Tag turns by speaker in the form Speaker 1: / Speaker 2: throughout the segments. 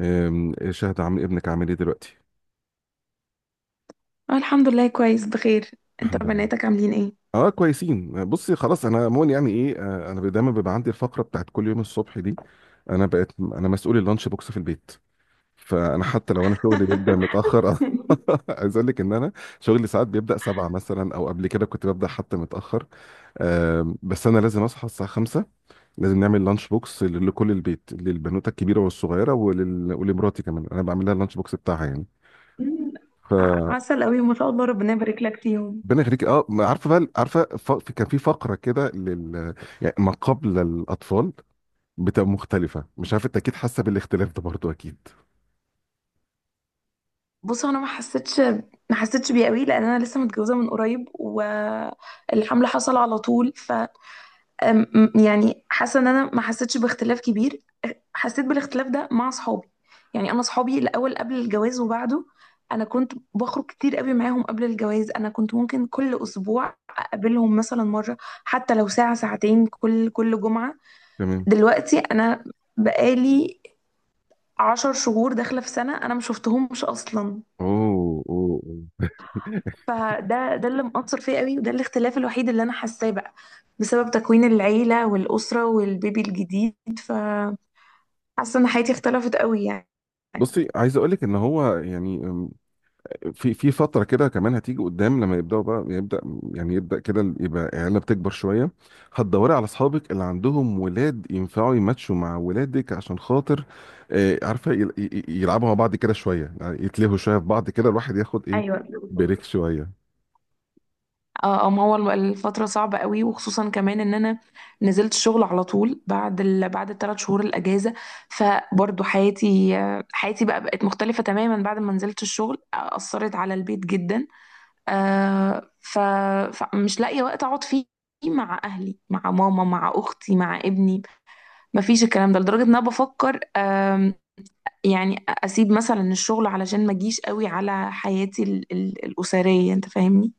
Speaker 1: شهد، عم ابنك عامل ايه دلوقتي؟
Speaker 2: اه، الحمد لله، كويس بخير. انت
Speaker 1: الحمد لله.
Speaker 2: بناتك عاملين ايه؟
Speaker 1: اه، كويسين. بصي خلاص، انا عموما يعني ايه، انا دايما بيبقى عندي الفقره بتاعت كل يوم الصبح دي. انا بقيت انا مسؤول اللانش بوكس في البيت. فانا حتى لو انا شغلي بيبدا متاخر عايز اقول لك ان انا شغلي ساعات بيبدا سبعة مثلا، او قبل كده كنت ببدا حتى متاخر. بس انا لازم اصحى الساعه خمسة. لازم نعمل لانش بوكس لكل البيت، للبنوته الكبيره والصغيره ولمراتي كمان، انا بعمل لها اللانش بوكس بتاعها يعني.
Speaker 2: مم،
Speaker 1: ف
Speaker 2: عسل قوي، ما شاء الله، ربنا يبارك لك فيهم.
Speaker 1: ربنا يخليك. اه، ما عارفه بقى عارفه، كان في فقره كده يعني ما قبل الاطفال بتبقى مختلفه. مش عارف، انت اكيد حاسه بالاختلاف ده برضو، اكيد.
Speaker 2: بص، انا ما حسيتش بيه قوي، لان انا لسه متجوزه من قريب، والحمل حصل على طول. ف يعني حاسه ان انا ما حسيتش باختلاف كبير. حسيت بالاختلاف ده مع اصحابي، يعني انا اصحابي الاول قبل الجواز وبعده، انا كنت بخرج كتير قوي معاهم قبل الجواز، انا كنت ممكن كل اسبوع اقابلهم مثلا مره، حتى لو ساعه ساعتين كل جمعه.
Speaker 1: تمام.
Speaker 2: دلوقتي انا بقالي 10 شهور داخله في سنه انا ما شفتهمش اصلا.
Speaker 1: اوه، اوه، أوه.
Speaker 2: فده اللي مأثر فيا قوي، وده الاختلاف الوحيد اللي انا حاساه بقى، بسبب تكوين العيله والاسره والبيبي الجديد. فحاسه ان حياتي اختلفت قوي يعني.
Speaker 1: بصي، عايز اقول لك ان هو يعني في فترة كده كمان هتيجي قدام، لما يبدأوا بقى يبدأ كده، يبقى العيلة بتكبر شوية. هتدوري على أصحابك اللي عندهم ولاد ينفعوا يماتشوا مع ولادك عشان خاطر، عارفة، يلعبوا مع بعض كده شوية، يعني يتلهوا شوية في بعض كده، الواحد ياخد إيه،
Speaker 2: ايوه.
Speaker 1: بريك شوية.
Speaker 2: اه، ما هو الفترة صعبة قوي، وخصوصا كمان ان انا نزلت الشغل على طول بعد الـ3 شهور الاجازة. فبرضو حياتي بقى بقت مختلفة تماما بعد ما نزلت الشغل، اثرت على البيت جدا. آه، ف... فمش لاقية وقت اقعد فيه مع اهلي، مع ماما، مع اختي، مع ابني. مفيش الكلام ده، لدرجة ان انا بفكر يعني اسيب مثلا الشغل علشان ما اجيش قوي على حياتي الاسرية، انت فاهمني.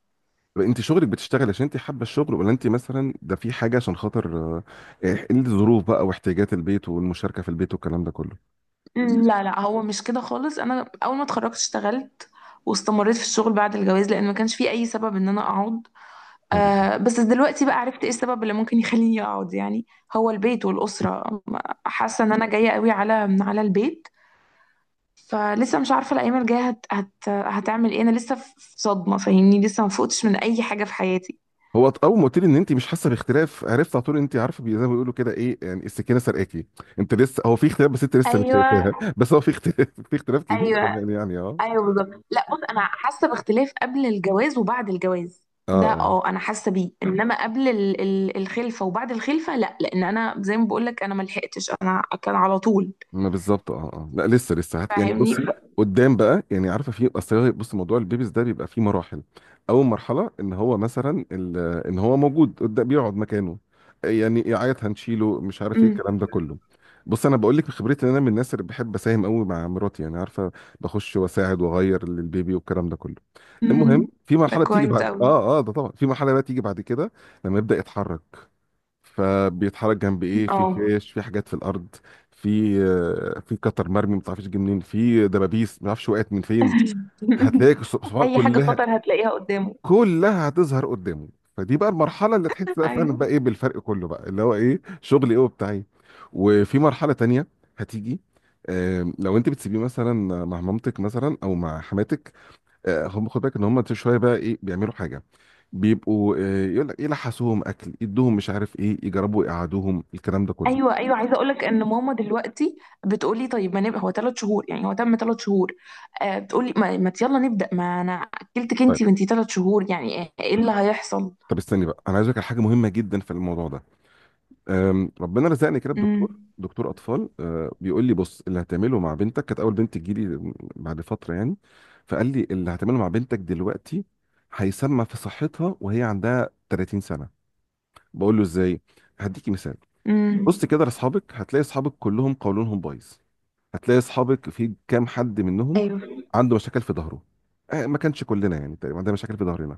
Speaker 1: طب أنت شغلك بتشتغل عشان أنت حابة الشغل، ولا أنت مثلا ده في حاجة عشان خاطر الظروف بقى، واحتياجات البيت والمشاركة في البيت والكلام ده كله؟
Speaker 2: مم، لا لا، هو مش كده خالص. انا اول ما اتخرجت اشتغلت واستمريت في الشغل بعد الجواز، لان ما كانش في اي سبب ان انا اقعد.
Speaker 1: آه.
Speaker 2: بس دلوقتي بقى عرفت ايه السبب اللي ممكن يخليني اقعد، يعني هو البيت والاسره. حاسه ان انا جايه قوي على البيت. فلسه مش عارفه الايام الجايه هت هت هتعمل ايه. انا لسه في صدمه، فاهمني، لسه ما فقتش من اي حاجه في حياتي.
Speaker 1: هو اول ما قلت لي ان انت مش حاسه باختلاف عرفت على طول. انت عارفه، زي ما بيقولوا كده ايه، يعني السكينه سرقاكي. انت لسه، هو في اختلاف بس انت لسه مش شايفاها.
Speaker 2: ايوه،
Speaker 1: بس هو في اختلاف كبير
Speaker 2: ايوه،
Speaker 1: كمان يعني. اه،
Speaker 2: ايوه، بالظبط. لا، بص، انا حاسه باختلاف قبل الجواز وبعد الجواز،
Speaker 1: اه.
Speaker 2: ده
Speaker 1: آه.
Speaker 2: اه انا حاسه بيه. انما قبل الخلفه وبعد الخلفه لا، لان انا زي ما بقول لك انا ما لحقتش، انا كان على طول،
Speaker 1: ما بالظبط، اه اه، لا، لسه يعني
Speaker 2: فاهمني.
Speaker 1: بصي، قدام بقى يعني عارفه، في اصل بصي، موضوع البيبيز ده بيبقى فيه مراحل. اول مرحله ان هو مثلا ان هو موجود قدام، بيقعد مكانه، يعني يعيط هنشيله، مش عارف ايه
Speaker 2: امم.
Speaker 1: الكلام ده كله. بص، انا بقول لك بخبرتي ان انا من الناس اللي بحب اساهم قوي مع مراتي، يعني عارفه، بخش واساعد واغير للبيبي والكلام ده كله.
Speaker 2: أمم.
Speaker 1: المهم، في
Speaker 2: ده
Speaker 1: مرحله بتيجي
Speaker 2: كويس
Speaker 1: بعد،
Speaker 2: قوي.
Speaker 1: ده طبعا، في مرحله بقى تيجي بعد كده، لما يبدا يتحرك. فبيتحرك جنب ايه، في
Speaker 2: اه.
Speaker 1: فيش في حاجات في الارض. في قطر مرمي ما تعرفش جه منين، في دبابيس ما تعرفش وقعت من فين. هتلاقي الصفحات
Speaker 2: اي حاجه
Speaker 1: كلها،
Speaker 2: خطر هتلاقيها قدامه.
Speaker 1: كلها هتظهر قدامه. فدي بقى المرحله اللي تحس بقى فعلا
Speaker 2: أيوة.
Speaker 1: بقى ايه بالفرق كله بقى اللي هو ايه، شغل ايه وبتاعي. وفي مرحله تانية هتيجي، لو انت بتسيبيه مثلا مع مامتك مثلا، او مع حماتك، هم، خد بالك ان هم شويه بقى ايه بيعملوا حاجه. بيبقوا يقول لك يلحسوهم اكل، يدوهم مش عارف ايه، يجربوا يقعدوهم، الكلام ده كله.
Speaker 2: ايوه، ايوه، عايزه اقول لك ان ماما دلوقتي بتقولي طيب ما نبقى، هو 3 شهور، يعني هو تم 3 شهور. بتقولي ما يلا نبدا، ما انا اكلتك
Speaker 1: طيب.
Speaker 2: انتي وانتي 3 شهور، يعني إيه اللي هيحصل.
Speaker 1: طب استني بقى، انا عايز اقول لك على حاجه مهمه جدا في الموضوع ده. ربنا رزقني كده بدكتور،
Speaker 2: امم.
Speaker 1: دكتور اطفال، بيقول لي بص، اللي هتعمله مع بنتك، كانت اول بنت تجيلي بعد فتره يعني، فقال لي اللي هتعمله مع بنتك دلوقتي هيسمى في صحتها وهي عندها 30 سنه. بقول له ازاي؟ هديكي مثال.
Speaker 2: امم.
Speaker 1: بص كده لاصحابك، هتلاقي اصحابك كلهم قولونهم بايظ. هتلاقي اصحابك في كام حد منهم
Speaker 2: ايوه،
Speaker 1: عنده مشاكل في ظهره. ما كانش كلنا يعني تقريبا عندنا مشاكل في ظهرنا.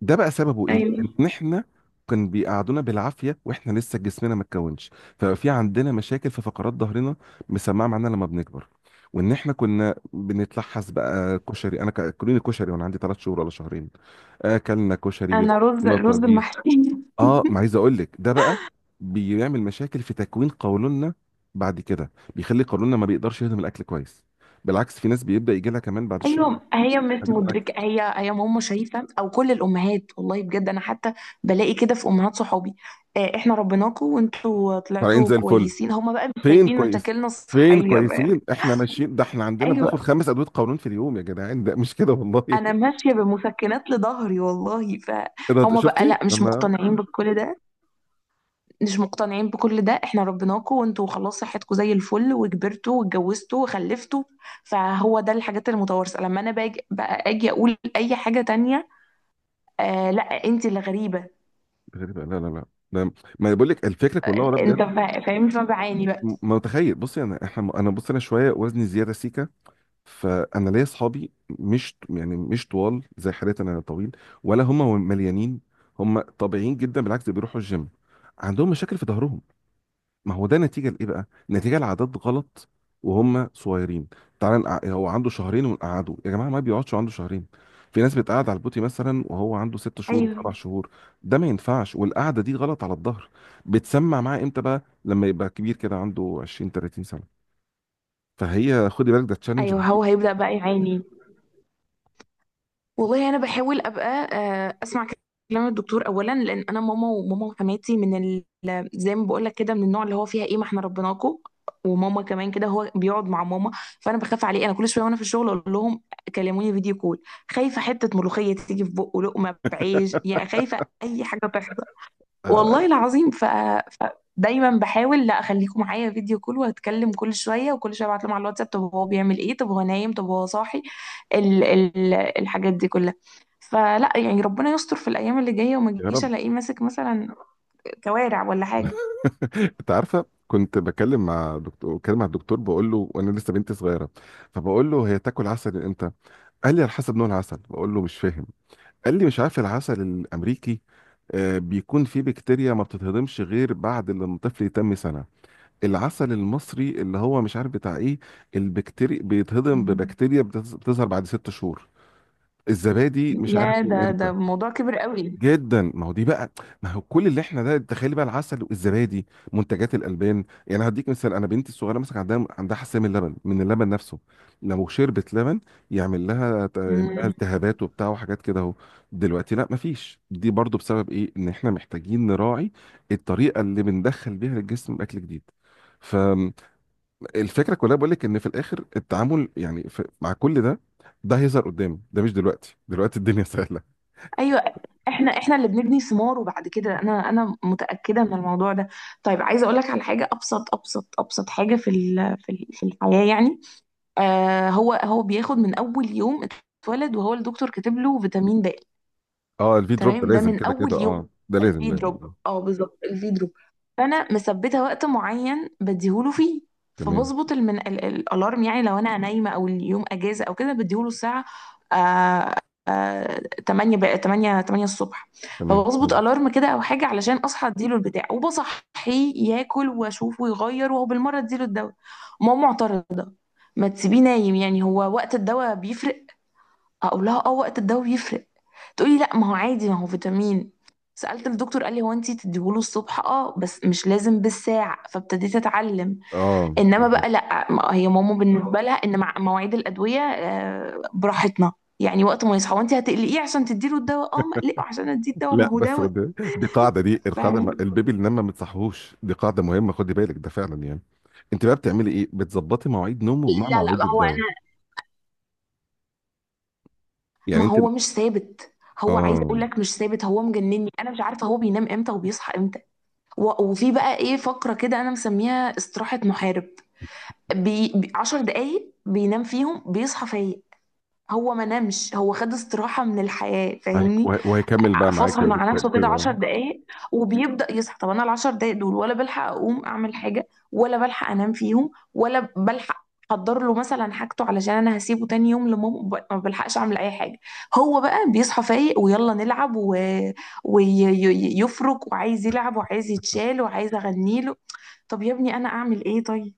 Speaker 1: ده بقى سببه ايه؟
Speaker 2: ايوه.
Speaker 1: ان احنا كان بيقعدونا بالعافيه واحنا لسه جسمنا ما اتكونش، ففي عندنا مشاكل في فقرات ظهرنا مسمعه معانا لما بنكبر. وان احنا كنا بنتلحس بقى كشري، انا اكلوني كشري وانا عندي 3 شهور ولا شهرين. اكلنا كشري
Speaker 2: انا رز
Speaker 1: بيتنطط.
Speaker 2: رز المحشي.
Speaker 1: اه، ما عايز اقول لك ده بقى بيعمل مشاكل في تكوين قولوننا. بعد كده بيخلي قولوننا ما بيقدرش يهضم الاكل كويس. بالعكس، في ناس بيبدا يجي لها كمان بعد الشهر
Speaker 2: ايوه، هي مش
Speaker 1: هضم الاكل
Speaker 2: مدركه، هي ماما شايفه او كل الامهات، والله بجد انا حتى بلاقي كده في امهات صحابي، احنا ربيناكوا وانتوا
Speaker 1: طالعين
Speaker 2: طلعتوا
Speaker 1: زي الفل.
Speaker 2: كويسين، هما بقى مش
Speaker 1: فين
Speaker 2: شايفين
Speaker 1: كويس،
Speaker 2: مشاكلنا
Speaker 1: فين
Speaker 2: الصحيه بقى.
Speaker 1: كويسين احنا ماشيين؟ ده احنا عندنا بناخد
Speaker 2: أيوة.
Speaker 1: 5 ادويه قولون في اليوم يا جدعان، ده مش كده والله.
Speaker 2: انا ماشيه بمسكنات لظهري والله،
Speaker 1: ده
Speaker 2: فهم بقى
Speaker 1: شفتي
Speaker 2: لا مش
Speaker 1: لما
Speaker 2: مقتنعين بكل ده. مش مقتنعين بكل ده، احنا ربيناكوا وانتوا خلاص صحتكوا زي الفل وكبرتوا واتجوزتوا وخلفتوا. فهو ده الحاجات المتوارثه، لما انا باجي بقى اجي اقول اي حاجه تانية، آه لا انت اللي غريبه.
Speaker 1: غريبه؟ لا، لا، لا، ده، ما بقول لك الفكره كلها ورا
Speaker 2: انت
Speaker 1: بجد.
Speaker 2: فاهم فبعاني بقى.
Speaker 1: ما متخيل، بصي انا احنا، انا بص، انا شويه وزني زياده سيكا. فانا ليا اصحابي، مش يعني مش طوال زي حالتي انا طويل، ولا هم مليانين. هم طبيعيين جدا، بالعكس ده بيروحوا الجيم، عندهم مشاكل في ظهرهم. ما هو ده نتيجه لايه بقى؟ نتيجه لعادات غلط وهم صغيرين. تعال هو عنده شهرين ونقعده؟ يا جماعه ما بيقعدش عنده شهرين. في ناس بتقعد على البوتي مثلا وهو عنده ست شهور
Speaker 2: ايوه،
Speaker 1: وسبع شهور ده ما ينفعش، والقعده دي غلط على الظهر، بتسمع معاه امتى بقى؟ لما يبقى كبير كده عنده 20 30 سنه. فهي، خدي بالك، ده تشالنج
Speaker 2: ايوه،
Speaker 1: رهيب.
Speaker 2: هو هيبدا بقى يعاني. والله انا بحاول ابقى اسمع كلام الدكتور اولا، لان انا ماما، وماما وحماتي من زي ما بقول لك كده، من النوع اللي هو فيها ايه ما احنا ربيناكوا. وماما كمان كده، هو بيقعد مع ماما. فانا بخاف عليه، انا كل شويه وانا في الشغل اقول لهم كلموني فيديو كول، خايفه حته ملوخيه تيجي في بقه، لقمه بعيش، يا خايفه اي حاجه تحصل،
Speaker 1: آه،
Speaker 2: والله العظيم. فدايما بحاول لا اخليكم معايا فيديو كول واتكلم كل شويه، وكل شويه ابعت لهم على الواتساب طب هو بيعمل ايه، طب هو نايم، طب هو صاحي، الحاجات دي كلها. فلا يعني ربنا يستر في الايام اللي جايه، وما
Speaker 1: يا
Speaker 2: تجيش
Speaker 1: رب.
Speaker 2: الاقيه ماسك مثلا كوارع ولا حاجه.
Speaker 1: انت عارفه، كنت بكلم مع دكتور، بتكلم مع الدكتور، بقول له وانا لسه بنتي صغيره، فبقول له هي تاكل عسل امتى؟ قال لي على حسب نوع العسل. بقول له مش فاهم. قال لي مش عارف، العسل الامريكي بيكون فيه بكتيريا ما بتتهضمش غير بعد لما الطفل يتم سنه. العسل المصري اللي هو مش عارف بتاع ايه، البكتيريا بيتهضم ببكتيريا بتظهر بعد 6 شهور. الزبادي مش عارف
Speaker 2: يا
Speaker 1: من
Speaker 2: ده
Speaker 1: امتى.
Speaker 2: ده موضوع كبير قوي.
Speaker 1: جدا، ما هو دي بقى، ما هو كل اللي احنا، ده تخيلي بقى العسل والزبادي، منتجات الالبان يعني. هديك مثال، انا بنتي الصغيره مثلا عندها حساسيه من اللبن، من اللبن نفسه. لو شربت لبن يعمل لها يعمل لها
Speaker 2: مم.
Speaker 1: التهابات وبتاع وحاجات كده اهو. دلوقتي لا، ما فيش. دي برضو بسبب ايه؟ ان احنا محتاجين نراعي الطريقه اللي بندخل بيها للجسم اكل جديد. فالفكره كلها، بقول لك ان في الاخر التعامل، يعني في مع كل ده، ده هيظهر قدام، ده مش دلوقتي، دلوقتي الدنيا سهله.
Speaker 2: ايوه، احنا اللي بنبني ثمار، وبعد كده انا متاكده من الموضوع ده. طيب عايزه اقول لك على حاجه ابسط ابسط ابسط حاجه في الحياه يعني. هو بياخد من اول يوم اتولد، وهو الدكتور كاتب له فيتامين د.
Speaker 1: اه، الفي دروب ده
Speaker 2: تمام، ده
Speaker 1: لازم
Speaker 2: من
Speaker 1: كده
Speaker 2: اول
Speaker 1: كده،
Speaker 2: يوم.
Speaker 1: اه، ده لازم
Speaker 2: الفي
Speaker 1: لازم.
Speaker 2: دروب، اه بالظبط، الفي دروب. فانا مثبته وقت معين بديهوله فيه،
Speaker 1: تمام،
Speaker 2: فبظبط الالارم، يعني لو انا نايمه او اليوم اجازه او كده بديهوله الساعه آه... آه... 8 بقى 8 الصبح.
Speaker 1: تمام،
Speaker 2: فبظبط
Speaker 1: حلو.
Speaker 2: الارم كده او حاجه علشان اصحى اديله البتاع، وبصحيه ياكل واشوفه ويغير، وهو بالمره اديله الدواء. ماما معترضه، ما تسيبيه نايم، يعني هو وقت الدواء بيفرق. اقول لها اه وقت الدواء بيفرق، تقولي لا ما هو عادي، ما هو فيتامين. سألت الدكتور قال لي هو انتي تديهوله الصبح اه، بس مش لازم بالساعة، فابتديت اتعلم.
Speaker 1: اه،
Speaker 2: انما
Speaker 1: بالظبط.
Speaker 2: بقى لا، هي ماما بالنسبة لها ان مع مواعيد الأدوية براحتنا، يعني وقت ما يصحى وانتي هتقلقيه عشان تديله الدواء، اه ما اقلقه عشان اديه الدواء، ما
Speaker 1: لا
Speaker 2: هو
Speaker 1: بس،
Speaker 2: دواء.
Speaker 1: دي قاعده دي القاعده
Speaker 2: لا
Speaker 1: البيبي اللي نام ما بتصحوش، دي قاعده مهمه، خدي بالك ده فعلا يعني. انت بقى بتعملي ايه؟ بتظبطي مواعيد نومه مع
Speaker 2: لا،
Speaker 1: مواعيد
Speaker 2: ما هو
Speaker 1: الدواء؟
Speaker 2: انا،
Speaker 1: يعني
Speaker 2: ما
Speaker 1: انت؟
Speaker 2: هو مش ثابت، هو عايز اقول
Speaker 1: اه.
Speaker 2: لك مش ثابت، هو مجنني، انا مش عارفة هو بينام امتى وبيصحى امتى. وفي بقى ايه فقرة كده انا مسميها استراحة محارب، 10 دقايق بينام فيهم بيصحى فايق. هو ما نامش، هو خد استراحة من الحياة، فاهمني.
Speaker 1: وهيكمل بقى معاك
Speaker 2: فصل
Speaker 1: يا
Speaker 2: مع نفسه
Speaker 1: دكتور.
Speaker 2: كده عشر دقايق وبيبدأ يصحى. طب أنا الـ10 دقايق دول، ولا بلحق أقوم أعمل حاجة، ولا بلحق أنام فيهم، ولا بلحق أحضر له مثلا حاجته علشان أنا هسيبه تاني يوم لماما، ما بلحقش أعمل أي حاجة. هو بقى بيصحى فايق ويلا نلعب، ويفرك وعايز يلعب وعايز يتشال وعايز أغنيله. طب يا ابني أنا أعمل إيه طيب؟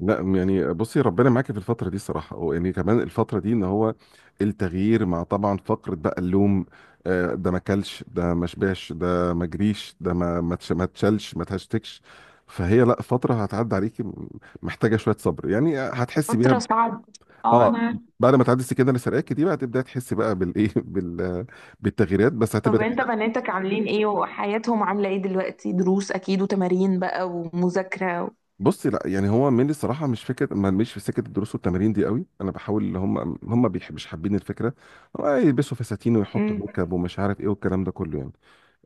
Speaker 1: لا يعني بصي، ربنا معاكي في الفترة دي الصراحة، ويعني كمان الفترة دي ان هو التغيير، مع طبعا فقرة بقى اللوم، ده ما كلش، ده ما شبعش، ده ما جريش، ده ما تشلش، ما تهشتكش. فهي لا، فترة هتعدي عليكي، محتاجة شوية صبر يعني، هتحسي بيها
Speaker 2: فترة صعبة. اه
Speaker 1: اه
Speaker 2: انا عارفة.
Speaker 1: بعد ما تعدي السكينة اللي سرقاكي دي، بقى تبدأ تحسي بقى بالايه بالتغييرات بس هتبقى.
Speaker 2: طب انت بناتك عاملين ايه، وحياتهم عاملة ايه دلوقتي، دروس اكيد وتمارين بقى ومذاكرة.
Speaker 1: بصي لا، يعني هو ميلي الصراحه، مش فكره، ما مش في سكه الدروس والتمارين دي قوي. انا بحاول، اللي هم مش حابين الفكره. هو يلبسوا فساتين ويحطوا
Speaker 2: مم.
Speaker 1: ميك اب ومش عارف ايه والكلام ده كله يعني.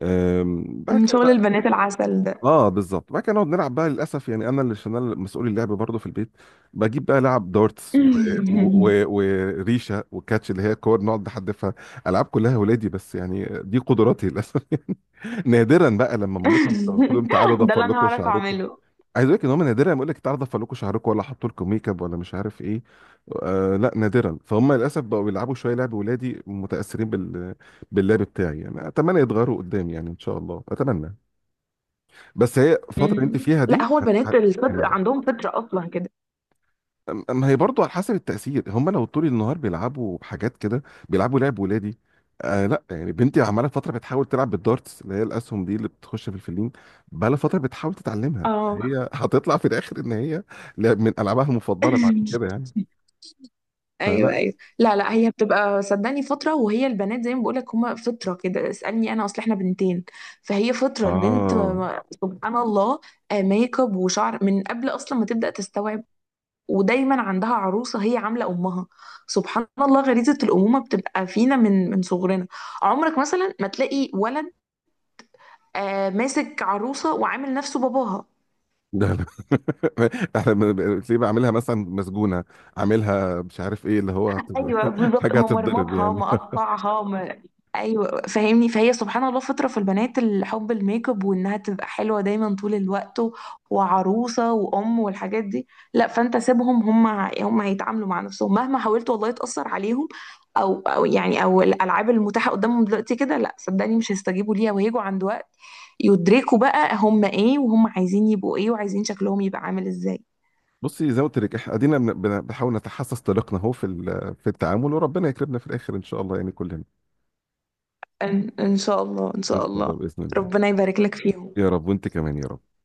Speaker 1: بعد
Speaker 2: من
Speaker 1: كده
Speaker 2: شغل
Speaker 1: بقى،
Speaker 2: البنات العسل ده.
Speaker 1: اه بالظبط، بعد كده نقعد نلعب بقى للاسف. يعني انا اللي، عشان انا مسؤول اللعب برضه في البيت، بجيب بقى لعب دارتس و... و... وريشه وكاتش، اللي هي كور نقعد نحدفها، العاب كلها ولادي، بس يعني دي قدراتي للاسف. يعني نادرا بقى لما مامتهم تاخدهم، تعالوا
Speaker 2: ده
Speaker 1: ضفر
Speaker 2: اللي انا
Speaker 1: لكم
Speaker 2: هعرف
Speaker 1: شعركم.
Speaker 2: اعمله.
Speaker 1: عايز اقول لك ان هم نادرا لما يقول لك تعالى ضفر لكم شعركم، ولا حطوا لكم ميك اب، ولا مش عارف ايه. آه لا، نادرا. فهم للاسف بقوا بيلعبوا شويه لعب ولادي، متاثرين باللعب بتاعي يعني. اتمنى يتغيروا قدام يعني، ان شاء الله، اتمنى. بس هي الفتره اللي انت
Speaker 2: مم.
Speaker 1: فيها
Speaker 2: لا
Speaker 1: دي
Speaker 2: هو البنات الفطر
Speaker 1: جميله.
Speaker 2: عندهم فطرة اصلا كده.
Speaker 1: ما هي برضه على حسب التأثير، هم لو طول النهار بيلعبوا بحاجات كده، بيلعبوا لعب ولادي. لا يعني، بنتي عمالة فترة بتحاول تلعب بالدارتس اللي هي الأسهم دي اللي بتخش في الفلين. بقالها فترة بتحاول تتعلمها
Speaker 2: اه.
Speaker 1: هي، هتطلع في الآخر إن هي لعب من ألعابها المفضلة بعد كده يعني.
Speaker 2: ايوه،
Speaker 1: فلا.
Speaker 2: ايوه. لا لا، هي بتبقى صدقني فتره، وهي البنات زي ما بقولك هما فطره كده، اسالني انا اصل احنا بنتين. فهي فطره البنت
Speaker 1: آه
Speaker 2: سبحان الله، ميك اب وشعر من قبل اصلا ما تبدا تستوعب. ودايما عندها عروسه هي عامله امها. سبحان الله، غريزه الامومه بتبقى فينا من صغرنا. عمرك مثلا ما تلاقي ولد ماسك عروسه وعامل نفسه باباها.
Speaker 1: ده لا. احنا تلاقيه بعملها مثلا مسجونة، عاملها مش عارف ايه اللي هو
Speaker 2: ايوه بالظبط،
Speaker 1: حاجة هتتضرب
Speaker 2: ممرمطها،
Speaker 1: يعني.
Speaker 2: مقطعها ما... ايوه فاهمني. فهي سبحان الله فطره في البنات، الحب، الميك اب، وانها تبقى حلوه دايما طول الوقت، وعروسه وام والحاجات دي. لا فانت سيبهم، هم هيتعاملوا مع نفسهم مهما حاولت والله تاثر عليهم، او او يعني او الالعاب المتاحه قدامهم دلوقتي كده لا، صدقني مش هيستجيبوا ليها، وهيجوا عند وقت يدركوا بقى هم ايه، وهم عايزين يبقوا ايه، وعايزين شكلهم يبقى عامل ازاي.
Speaker 1: بصي زي ما قلت لك، احنا ادينا بنحاول نتحسس طريقنا اهو في في التعامل، وربنا يكرمنا في الاخر ان شاء الله يعني كلنا.
Speaker 2: ان إن شاء الله، ان شاء
Speaker 1: ان شاء
Speaker 2: الله.
Speaker 1: الله، باذن الله.
Speaker 2: ربنا يبارك لك فيهم.
Speaker 1: يا رب، وانت كمان يا رب.